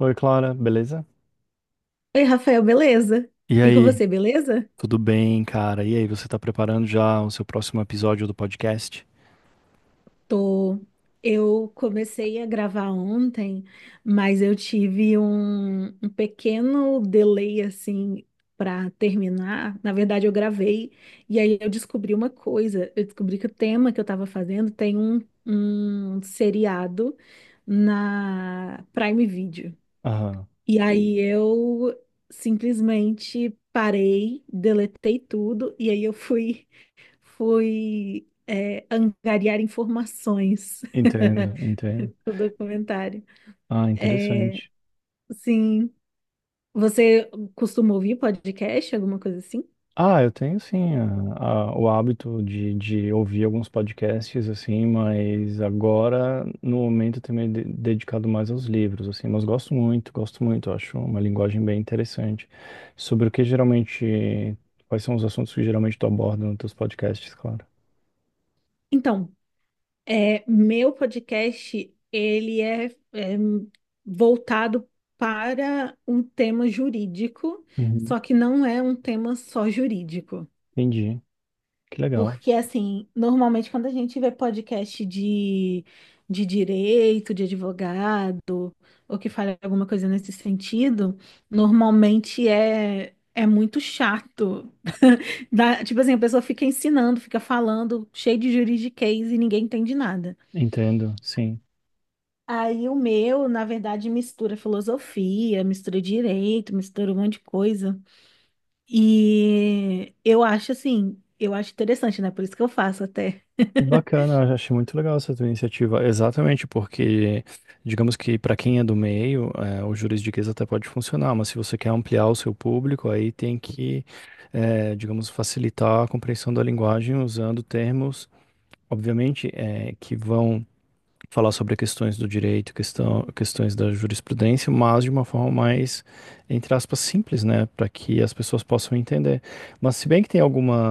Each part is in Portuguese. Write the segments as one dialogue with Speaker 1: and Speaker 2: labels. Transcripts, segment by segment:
Speaker 1: Oi, Clara, beleza?
Speaker 2: Oi, Rafael, beleza?
Speaker 1: E
Speaker 2: E com
Speaker 1: aí,
Speaker 2: você, beleza?
Speaker 1: tudo bem, cara? E aí, você tá preparando já o seu próximo episódio do podcast?
Speaker 2: Tô. Eu comecei a gravar ontem, mas eu tive um pequeno delay assim para terminar. Na verdade, eu gravei e aí eu descobri uma coisa. Eu descobri que o tema que eu estava fazendo tem um seriado na Prime Video.
Speaker 1: Aham,
Speaker 2: E aí eu simplesmente parei, deletei tudo e aí eu fui Fui, angariar informações
Speaker 1: entendo.
Speaker 2: do documentário.
Speaker 1: Ah,
Speaker 2: É,
Speaker 1: interessante.
Speaker 2: sim. Você costuma ouvir podcast, alguma coisa assim?
Speaker 1: Ah, eu tenho sim o hábito de, ouvir alguns podcasts, assim, mas agora, no momento, eu tenho dedicado mais aos livros, assim, mas gosto muito, acho uma linguagem bem interessante. Sobre o que geralmente, quais são os assuntos que geralmente tu aborda nos teus podcasts, Clara?
Speaker 2: Então, meu podcast, é voltado para um tema jurídico,
Speaker 1: Uhum.
Speaker 2: só que não é um tema só jurídico.
Speaker 1: Entendi, que legal.
Speaker 2: Porque, assim, normalmente quando a gente vê podcast de direito, de advogado, ou que fala alguma coisa nesse sentido, normalmente é muito chato. Dá- tipo assim, a pessoa fica ensinando, fica falando, cheio de juridiquês e ninguém entende nada.
Speaker 1: Entendo, sim.
Speaker 2: Aí o meu, na verdade, mistura filosofia, mistura direito, mistura um monte de coisa. E eu acho assim, eu acho interessante, né? Por isso que eu faço até.
Speaker 1: Que bacana, eu achei muito legal essa tua iniciativa. Exatamente, porque digamos que para quem é do meio, o juridiquês até pode funcionar, mas se você quer ampliar o seu público, aí tem que, digamos, facilitar a compreensão da linguagem usando termos, obviamente, que vão falar sobre questões do direito, questões da jurisprudência, mas de uma forma mais, entre aspas, simples, né, para que as pessoas possam entender. Mas se bem que tem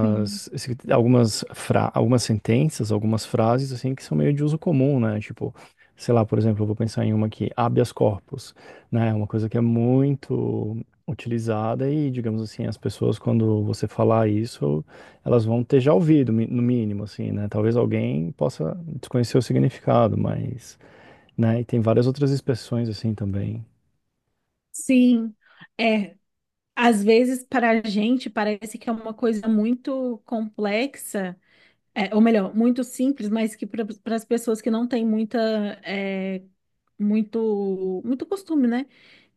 Speaker 2: Sim.
Speaker 1: algumas sentenças, algumas frases, assim, que são meio de uso comum, né, tipo, sei lá, por exemplo, eu vou pensar em uma aqui, habeas corpus, né? É uma coisa que é muito utilizada e, digamos assim, as pessoas, quando você falar isso, elas vão ter já ouvido, no mínimo, assim, né? Talvez alguém possa desconhecer o significado, mas, né? E tem várias outras expressões assim também.
Speaker 2: Sim, é. Às vezes, para a gente, parece que é uma coisa muito complexa, é, ou melhor, muito simples, mas que para as pessoas que não têm muita, é, muito costume, né?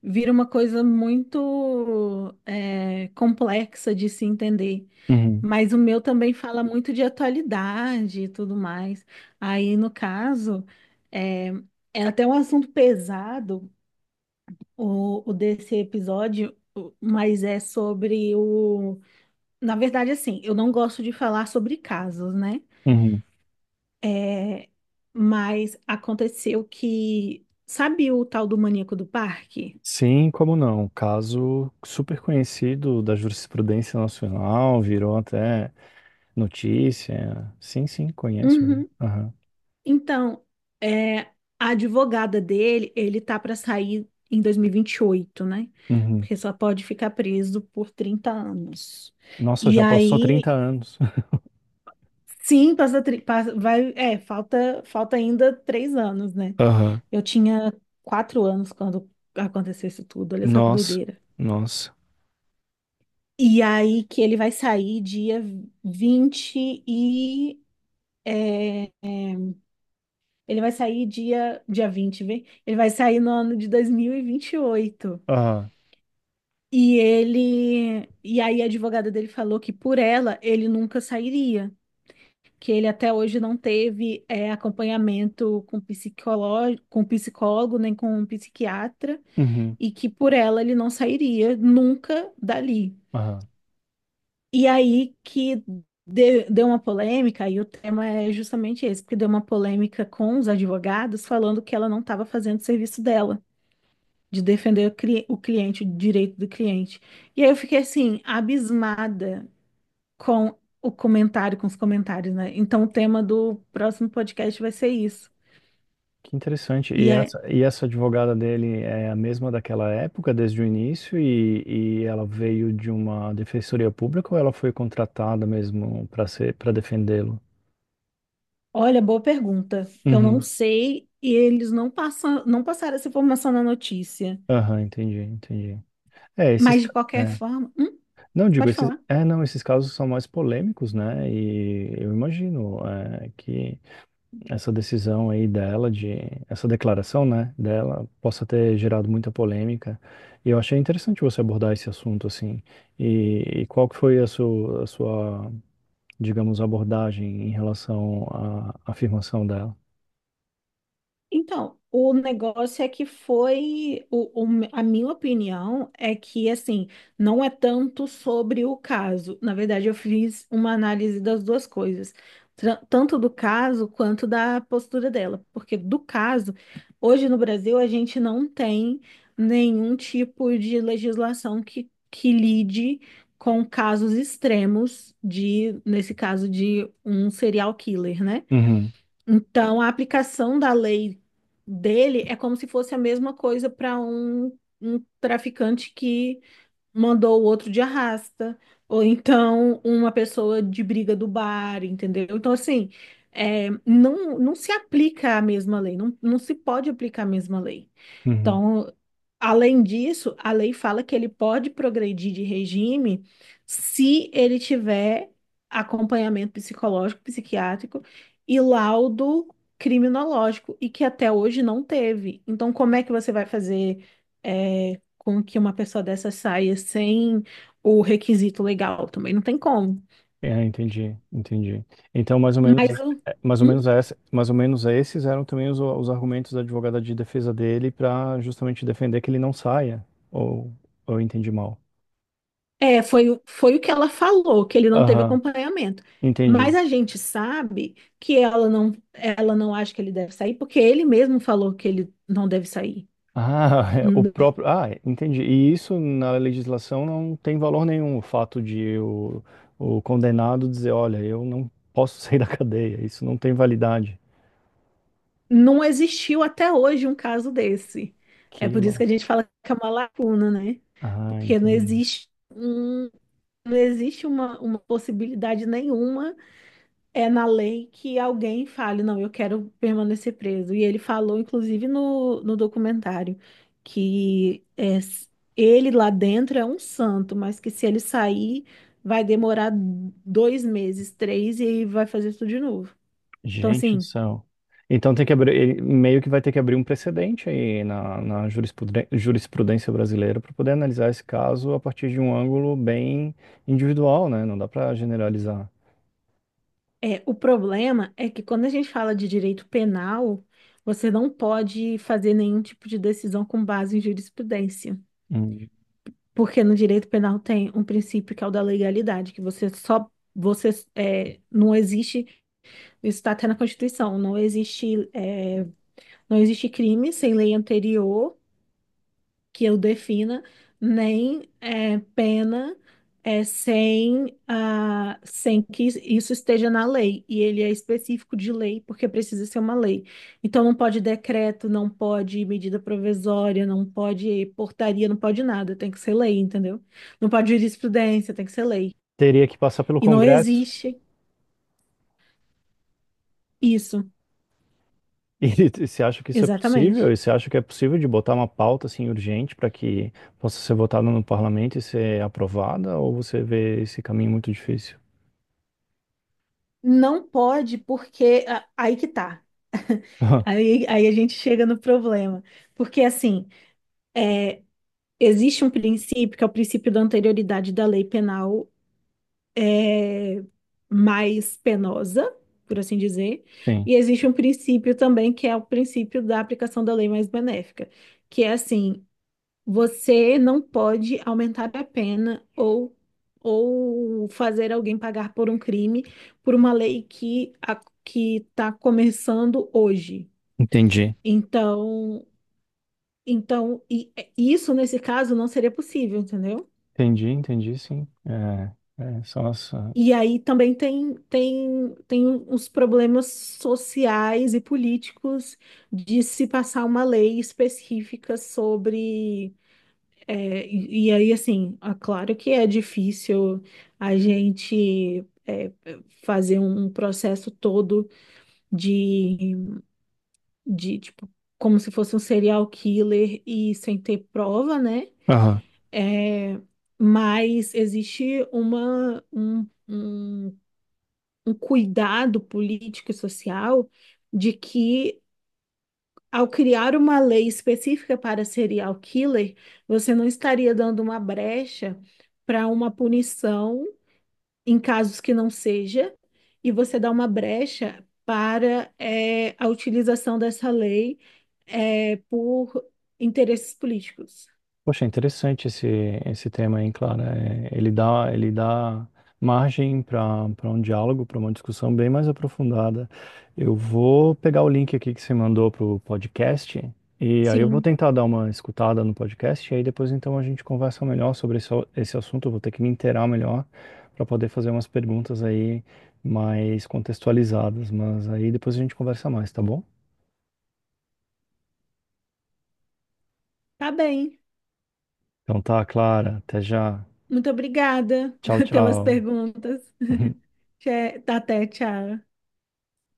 Speaker 2: Vira uma coisa muito, é, complexa de se entender.
Speaker 1: Uhum,
Speaker 2: Mas o meu também fala muito de atualidade e tudo mais. Aí, no caso, é, é até um assunto pesado o desse episódio, o- mas é sobre o. Na verdade, assim, eu não gosto de falar sobre casos, né?
Speaker 1: uhum.
Speaker 2: É, mas aconteceu que. Sabe o tal do maníaco do parque?
Speaker 1: Sim, como não? Caso super conhecido da jurisprudência nacional, virou até notícia. Sim, sim, conheço.
Speaker 2: Uhum.
Speaker 1: Aham.
Speaker 2: Então, é, a advogada dele, ele tá para sair em dois mil e 28, né?
Speaker 1: Uhum.
Speaker 2: Porque só pode ficar preso por 30 anos.
Speaker 1: Nossa,
Speaker 2: E
Speaker 1: já passou
Speaker 2: aí,
Speaker 1: 30 anos.
Speaker 2: sim, passa, tri- passa- vai, é, falta ainda 3 anos, né?
Speaker 1: Aham.
Speaker 2: Eu tinha 4 anos quando aconteceu isso tudo. Olha só que
Speaker 1: Nossa,
Speaker 2: doideira.
Speaker 1: nossa.
Speaker 2: E aí que ele vai sair dia 20 e. é, ele vai sair dia, 20, vem? Ele vai sair no ano de 2028.
Speaker 1: Aham.
Speaker 2: E vinte e oito. E ele. E aí a advogada dele falou que por ela ele nunca sairia. Que ele até hoje não teve é, acompanhamento com psicólogo, nem com um psiquiatra.
Speaker 1: Uhum.
Speaker 2: E que por ela ele não sairia nunca dali.
Speaker 1: Aham.
Speaker 2: E aí que de- deu uma polêmica, e o tema é justamente esse, porque deu uma polêmica com os advogados falando que ela não estava fazendo o serviço dela, de defender o, cli- o cliente, o direito do cliente. E aí eu fiquei assim, abismada com o comentário, com os comentários, né? Então o tema do próximo podcast vai ser isso.
Speaker 1: Que interessante.
Speaker 2: E aí,
Speaker 1: E essa advogada dele é a mesma daquela época, desde o início, e ela veio de uma defensoria pública ou ela foi contratada mesmo para ser, para defendê-lo?
Speaker 2: olha, boa pergunta. Eu não
Speaker 1: Uhum.
Speaker 2: sei, e eles não passaram essa informação na notícia.
Speaker 1: Aham, entendi.
Speaker 2: Mas de qualquer
Speaker 1: É.
Speaker 2: forma, hum,
Speaker 1: Não, digo,
Speaker 2: pode
Speaker 1: esses,
Speaker 2: falar.
Speaker 1: é, não, esses casos são mais polêmicos, né? E eu imagino, é, que essa decisão aí dela, de essa declaração, né, dela, possa ter gerado muita polêmica. E eu achei interessante você abordar esse assunto assim. E qual que foi a sua, digamos, abordagem em relação à afirmação dela?
Speaker 2: Então, o negócio é que foi, o me- a minha opinião é que, assim, não é tanto sobre o caso. Na verdade, eu fiz uma análise das duas coisas, tra- tanto do caso quanto da postura dela. Porque do caso, hoje no Brasil, a gente não tem nenhum tipo de legislação que lide com casos extremos de, nesse caso, de um serial killer, né?
Speaker 1: Uhum,
Speaker 2: Então, a aplicação da lei dele é como se fosse a mesma coisa para um traficante que mandou o outro de arrasta, ou então uma pessoa de briga do bar, entendeu? Então, assim, é, não, não se aplica a mesma lei, não, não se pode aplicar a mesma lei.
Speaker 1: uhum.
Speaker 2: Então, além disso, a lei fala que ele pode progredir de regime se ele tiver acompanhamento psicológico, psiquiátrico e laudo criminológico, e que até hoje não teve. Então, como é que você vai fazer, é, com que uma pessoa dessa saia sem o requisito legal? Também não tem como.
Speaker 1: É, entendi. Então, mais ou menos,
Speaker 2: Mas o.
Speaker 1: é, mais ou menos essa, mais ou menos esses eram também os argumentos da advogada de defesa dele para justamente defender que ele não saia, ou eu entendi mal.
Speaker 2: É, foi, o- foi o que ela falou, que ele não teve
Speaker 1: Aham,
Speaker 2: acompanhamento. Mas
Speaker 1: entendi.
Speaker 2: a gente sabe que ela não acha que ele deve sair, porque ele mesmo falou que ele não deve sair.
Speaker 1: Ah, é, o
Speaker 2: N-
Speaker 1: próprio. Ah, é, entendi. E isso na legislação não tem valor nenhum, o fato de o condenado dizer, olha, eu não posso sair da cadeia, isso não tem validade.
Speaker 2: Não existiu até hoje um caso desse. É por
Speaker 1: Quilo.
Speaker 2: isso que a gente fala que é uma lacuna, né?
Speaker 1: Ah,
Speaker 2: Porque não
Speaker 1: entendi.
Speaker 2: existe um, não existe uma possibilidade nenhuma é na lei que alguém fale, não, eu quero permanecer preso. E ele falou, inclusive, no documentário, que é, s- ele lá dentro é um santo, mas que se ele sair, vai demorar 2 meses, três, e aí vai fazer tudo de novo. Então,
Speaker 1: Gente do
Speaker 2: assim,
Speaker 1: céu. Então tem que abrir, ele meio que vai ter que abrir um precedente aí na, na jurisprudência brasileira para poder analisar esse caso a partir de um ângulo bem individual, né? Não dá para generalizar.
Speaker 2: é, o problema é que quando a gente fala de direito penal, você não pode fazer nenhum tipo de decisão com base em jurisprudência.
Speaker 1: Hum.
Speaker 2: Porque no direito penal tem um princípio que é o da legalidade, que você é, não existe, isso está até na Constituição, não existe é, não existe crime sem lei anterior que eu defina, nem é, pena é, sem, ah, sem que isso esteja na lei. E ele é específico de lei, porque precisa ser uma lei. Então não pode decreto, não pode medida provisória, não pode portaria, não pode nada, tem que ser lei, entendeu? Não pode jurisprudência, tem que ser lei.
Speaker 1: Teria que passar pelo
Speaker 2: E não
Speaker 1: Congresso.
Speaker 2: existe isso,
Speaker 1: E você acha que isso é possível?
Speaker 2: exatamente.
Speaker 1: E você acha que é possível de botar uma pauta assim urgente para que possa ser votada no parlamento e ser aprovada? Ou você vê esse caminho muito difícil?
Speaker 2: Não pode, porque ah, aí que tá. Aí a gente chega no problema. Porque assim, existe um princípio que é o princípio da anterioridade da lei penal mais penosa, por assim dizer,
Speaker 1: Sim,
Speaker 2: e existe um princípio também que é o princípio da aplicação da lei mais benéfica, que é assim, você não pode aumentar a pena ou fazer alguém pagar por um crime por uma lei que está começando hoje.
Speaker 1: entendi.
Speaker 2: Então, então e isso nesse caso não seria possível, entendeu?
Speaker 1: Entendi, sim. É, é, são as.
Speaker 2: E aí também tem uns problemas sociais e políticos de se passar uma lei específica sobre. É, e aí, assim, é claro que é difícil a gente é, fazer um processo todo de, de, tipo, como se fosse um serial killer e sem ter prova, né?
Speaker 1: Aham.
Speaker 2: É, mas existe uma, um, um cuidado político e social de que, ao criar uma lei específica para serial killer, você não estaria dando uma brecha para uma punição em casos que não seja, e você dá uma brecha para eh, a utilização dessa lei eh, por interesses políticos.
Speaker 1: Poxa, é interessante esse tema, hein, Clara? É, ele dá margem para para um diálogo, para uma discussão bem mais aprofundada. Eu vou pegar o link aqui que você mandou para o podcast e aí eu vou
Speaker 2: Sim,
Speaker 1: tentar dar uma escutada no podcast e aí depois então a gente conversa melhor sobre esse assunto. Eu vou ter que me inteirar melhor para poder fazer umas perguntas aí mais contextualizadas, mas aí depois a gente conversa mais, tá bom?
Speaker 2: tá bem.
Speaker 1: Então tá, Clara, até já.
Speaker 2: Muito obrigada
Speaker 1: Tchau,
Speaker 2: pelas
Speaker 1: tchau.
Speaker 2: perguntas. Tchê- Até, tchau.